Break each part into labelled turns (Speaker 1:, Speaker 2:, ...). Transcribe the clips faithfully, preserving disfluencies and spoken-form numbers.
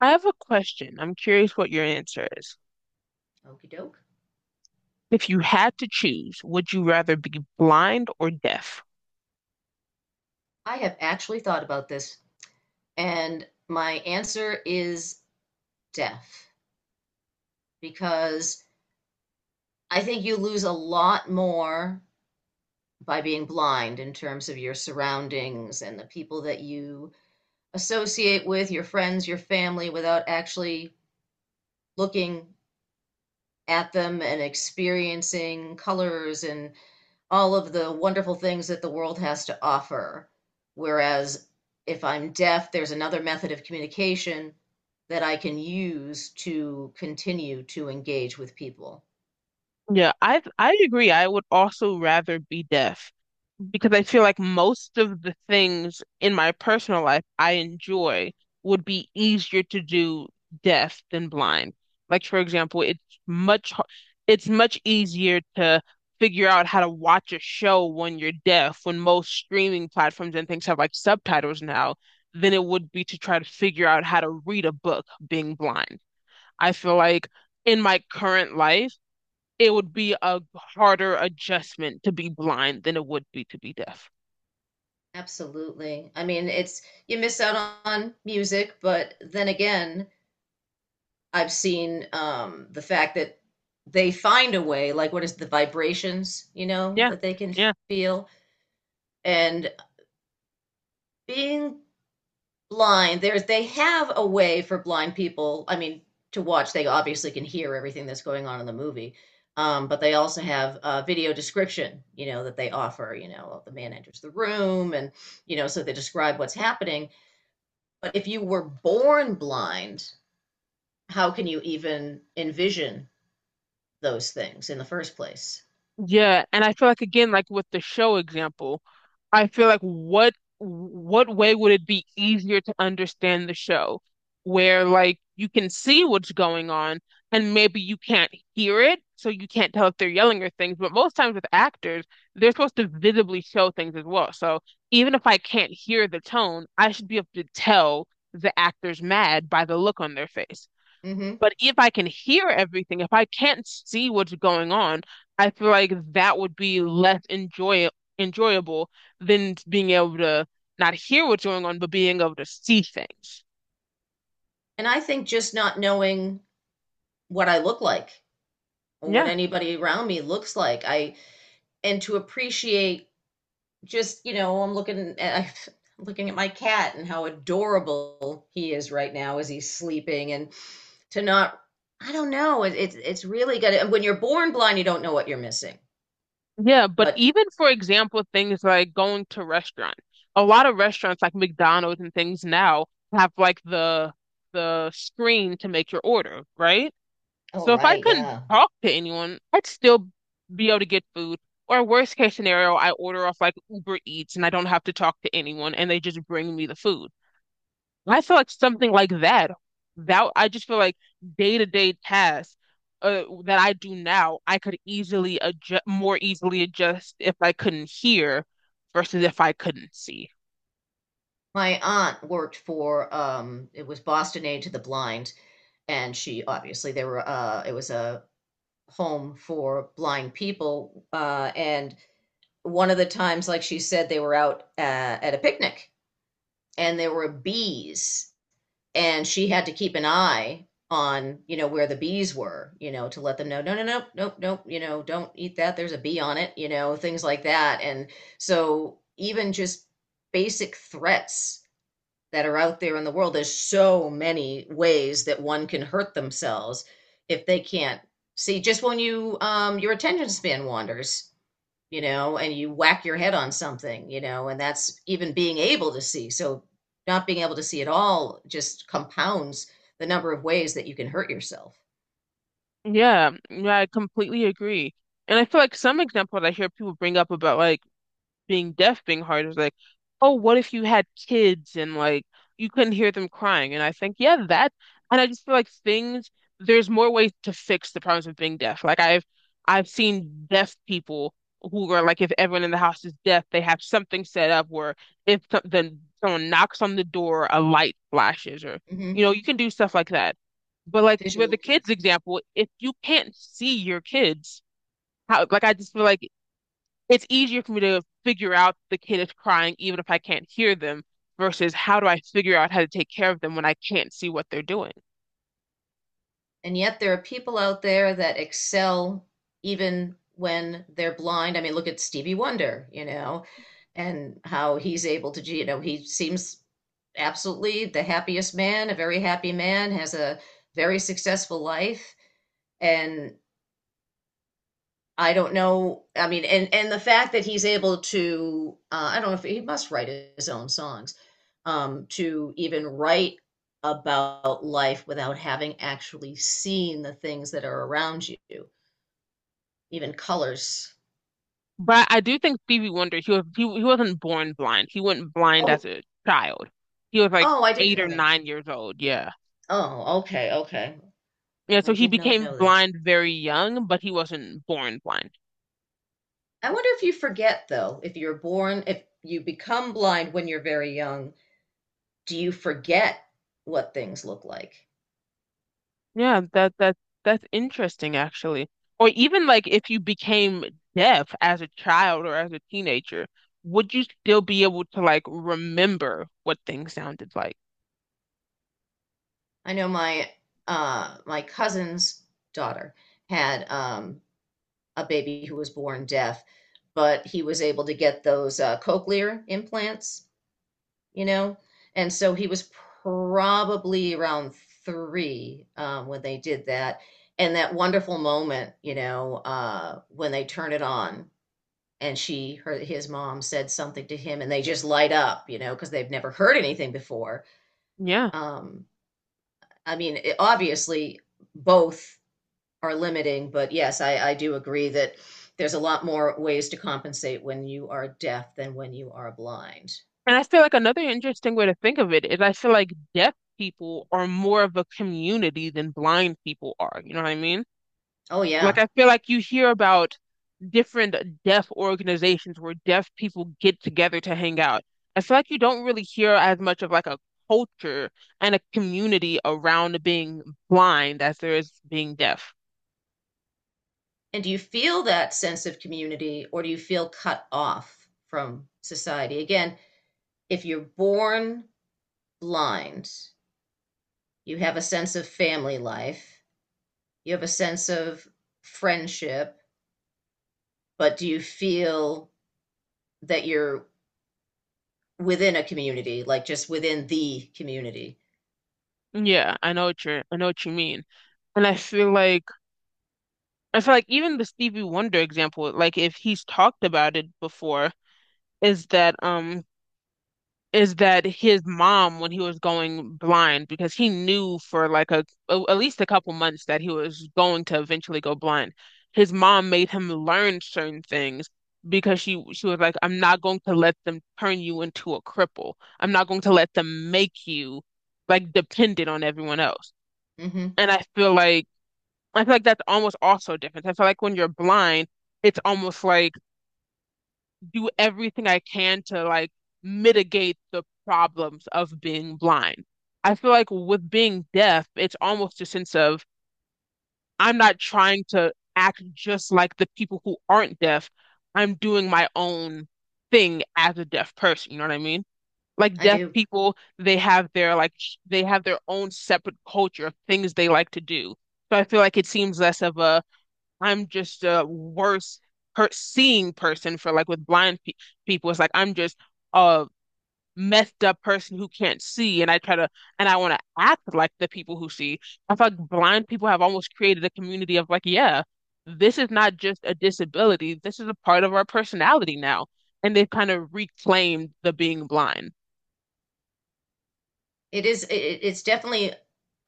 Speaker 1: I have a question. I'm curious what your answer is.
Speaker 2: Okey doke.
Speaker 1: If you had to choose, would you rather be blind or deaf?
Speaker 2: I have actually thought about this, and my answer is deaf, because I think you lose a lot more by being blind in terms of your surroundings and the people that you associate with, your friends, your family, without actually looking at them and experiencing colors and all of the wonderful things that the world has to offer. Whereas if I'm deaf, there's another method of communication that I can use to continue to engage with people.
Speaker 1: Yeah, I I agree. I would also rather be deaf because I feel like most of the things in my personal life I enjoy would be easier to do deaf than blind. Like for example, it's much h- it's much easier to figure out how to watch a show when you're deaf, when most streaming platforms and things have like subtitles now, than it would be to try to figure out how to read a book being blind. I feel like in my current life, it would be a harder adjustment to be blind than it would be to be deaf.
Speaker 2: Absolutely. I mean, it's you miss out on music, but then again, I've seen um, the fact that they find a way, like what is the vibrations, you know,
Speaker 1: Yeah,
Speaker 2: that they can
Speaker 1: yeah,
Speaker 2: feel, and being blind there's they have a way for blind people, I mean, to watch. They obviously can hear everything that's going on in the movie, um, but they also have uh, video description, you know, that they offer. You know, the man enters the room, and you know, so they describe what's happening. But if you were born blind, how can you even envision those things in the first place?
Speaker 1: yeah. And I feel like again, like with the show example, I feel like what what way would it be easier to understand the show where like you can see what's going on and maybe you can't hear it, so you can't tell if they're yelling or things, but most times with actors, they're supposed to visibly show things as well. So even if I can't hear the tone, I should be able to tell the actor's mad by the look on their face.
Speaker 2: hmm
Speaker 1: But if I can hear everything, if I can't see what's going on, I feel like that would be less enjoy enjoyable than being able to not hear what's going on, but being able to see things.
Speaker 2: and I think just not knowing what I look like or what
Speaker 1: Yeah.
Speaker 2: anybody around me looks like, I and to appreciate, just, you know, i'm looking at I'm looking at my cat and how adorable he is right now as he's sleeping, and to not, I don't know, it, it's it's really good. And when you're born blind, you don't know what you're missing.
Speaker 1: Yeah, but
Speaker 2: But
Speaker 1: even for example, things like going to restaurants. A lot of restaurants like McDonald's and things now have like the the screen to make your order, right?
Speaker 2: oh,
Speaker 1: So if I
Speaker 2: right,
Speaker 1: couldn't
Speaker 2: yeah.
Speaker 1: talk to anyone, I'd still be able to get food. Or worst case scenario, I order off like Uber Eats and I don't have to talk to anyone and they just bring me the food. I feel like something like that, that I just feel like day-to-day tasks uh, that I do now, I could easily adjust, more easily adjust if I couldn't hear versus if I couldn't see.
Speaker 2: My aunt worked for um it was Boston Aid to the Blind, and she obviously there were uh it was a home for blind people, uh and one of the times, like, she said they were out, uh, at a picnic, and there were bees, and she had to keep an eye on, you know, where the bees were, you know, to let them know, no no no no no, you know, don't eat that, there's a bee on it, you know, things like that. And so even just basic threats that are out there in the world, there's so many ways that one can hurt themselves if they can't see. Just when you um your attention span wanders, you know, and you whack your head on something, you know, and that's even being able to see. So not being able to see at all just compounds the number of ways that you can hurt yourself.
Speaker 1: Yeah, yeah, I completely agree. And I feel like some example that I hear people bring up about like being deaf being hard is like, oh, what if you had kids and like you couldn't hear them crying? And I think, yeah, that, and I just feel like things, there's more ways to fix the problems of being deaf. Like I've, I've seen deaf people who are like, if everyone in the house is deaf, they have something set up where if so- then someone knocks on the door, a light flashes, or you
Speaker 2: hmm
Speaker 1: know, you can do stuff like that. But like with
Speaker 2: Visual
Speaker 1: the kids
Speaker 2: cues.
Speaker 1: example, if you can't see your kids, how like I just feel like it's easier for me to figure out the kid is crying even if I can't hear them versus how do I figure out how to take care of them when I can't see what they're doing.
Speaker 2: And yet there are people out there that excel even when they're blind. I mean, look at Stevie Wonder, you know, and how he's able to, you know, he seems absolutely the happiest man, a very happy man, has a very successful life. And I don't know. I mean, and and the fact that he's able to, uh, I don't know if he must write his own songs, um, to even write about life without having actually seen the things that are around you, even colors.
Speaker 1: But I do think Stevie Wonder, he was he, he wasn't born blind. He wasn't blind
Speaker 2: Oh,
Speaker 1: as a child. He was like
Speaker 2: oh, I didn't
Speaker 1: eight or
Speaker 2: know that.
Speaker 1: nine years old. Yeah.
Speaker 2: Oh, okay, okay.
Speaker 1: Yeah,
Speaker 2: I
Speaker 1: so he
Speaker 2: did not
Speaker 1: became
Speaker 2: know that.
Speaker 1: blind very young, but he wasn't born blind.
Speaker 2: I wonder if you forget though, if you're born, if you become blind when you're very young, do you forget what things look like?
Speaker 1: Yeah, that that that's interesting actually. Or even like if you became deaf as a child or as a teenager, would you still be able to like remember what things sounded like?
Speaker 2: I know my uh, my cousin's daughter had um, a baby who was born deaf, but he was able to get those uh, cochlear implants, you know, and so he was probably around three um, when they did that, and that wonderful moment, you know, uh, when they turn it on. And she, her, his mom said something to him, and they just light up, you know, because they've never heard anything before.
Speaker 1: Yeah.
Speaker 2: Um, I mean, it, obviously, both are limiting, but yes, I, I do agree that there's a lot more ways to compensate when you are deaf than when you are blind.
Speaker 1: And I feel like another interesting way to think of it is I feel like deaf people are more of a community than blind people are. You know what I mean?
Speaker 2: Oh,
Speaker 1: Like
Speaker 2: yeah.
Speaker 1: I feel like you hear about different deaf organizations where deaf people get together to hang out. I feel like you don't really hear as much of like a culture and a community around being blind as there is being deaf.
Speaker 2: And do you feel that sense of community, or do you feel cut off from society? Again, if you're born blind, you have a sense of family life, you have a sense of friendship, but do you feel that you're within a community, like just within the community?
Speaker 1: Yeah, I know what you're, I know what you mean. And I feel like I feel like even the Stevie Wonder example, like if he's talked about it before, is that um is that his mom when he was going blind because he knew for like a, a at least a couple months that he was going to eventually go blind. His mom made him learn certain things because she she was like, I'm not going to let them turn you into a cripple. I'm not going to let them make you like dependent on everyone else.
Speaker 2: hmm
Speaker 1: And I feel like I feel like that's almost also different. I feel like when you're blind, it's almost like do everything I can to like mitigate the problems of being blind. I feel like with being deaf, it's almost a sense of I'm not trying to act just like the people who aren't deaf. I'm doing my own thing as a deaf person, you know what I mean? Like
Speaker 2: I
Speaker 1: deaf
Speaker 2: do.
Speaker 1: people, they have their like sh- they have their own separate culture of things they like to do. So I feel like it seems less of a I'm just a worse per seeing person for like with blind pe people. It's like I'm just a messed up person who can't see, and I try to and I want to act like the people who see. I feel like blind people have almost created a community of like, yeah, this is not just a disability. This is a part of our personality now, and they've kind of reclaimed the being blind.
Speaker 2: It is, it, it's definitely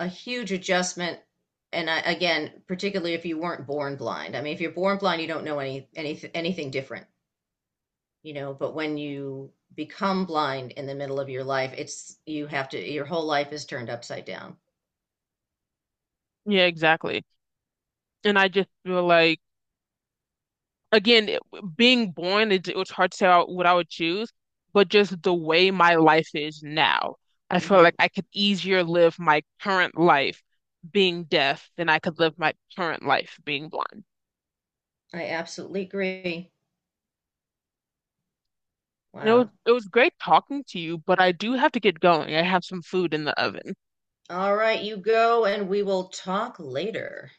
Speaker 2: a huge adjustment. And I, again, particularly if you weren't born blind. I mean, if you're born blind, you don't know any, any anything different, you know, but when you become blind in the middle of your life, it's, you have to, your whole life is turned upside down.
Speaker 1: Yeah, exactly. And I just feel like, again, it- being born, it, it was hard to say what I would choose, but just the way my life is now, I feel
Speaker 2: hmm
Speaker 1: like I could easier live my current life being deaf than I could live my current life being blind.
Speaker 2: I absolutely agree.
Speaker 1: And it was
Speaker 2: Wow.
Speaker 1: it was great talking to you, but I do have to get going. I have some food in the oven.
Speaker 2: All right, you go and we will talk later.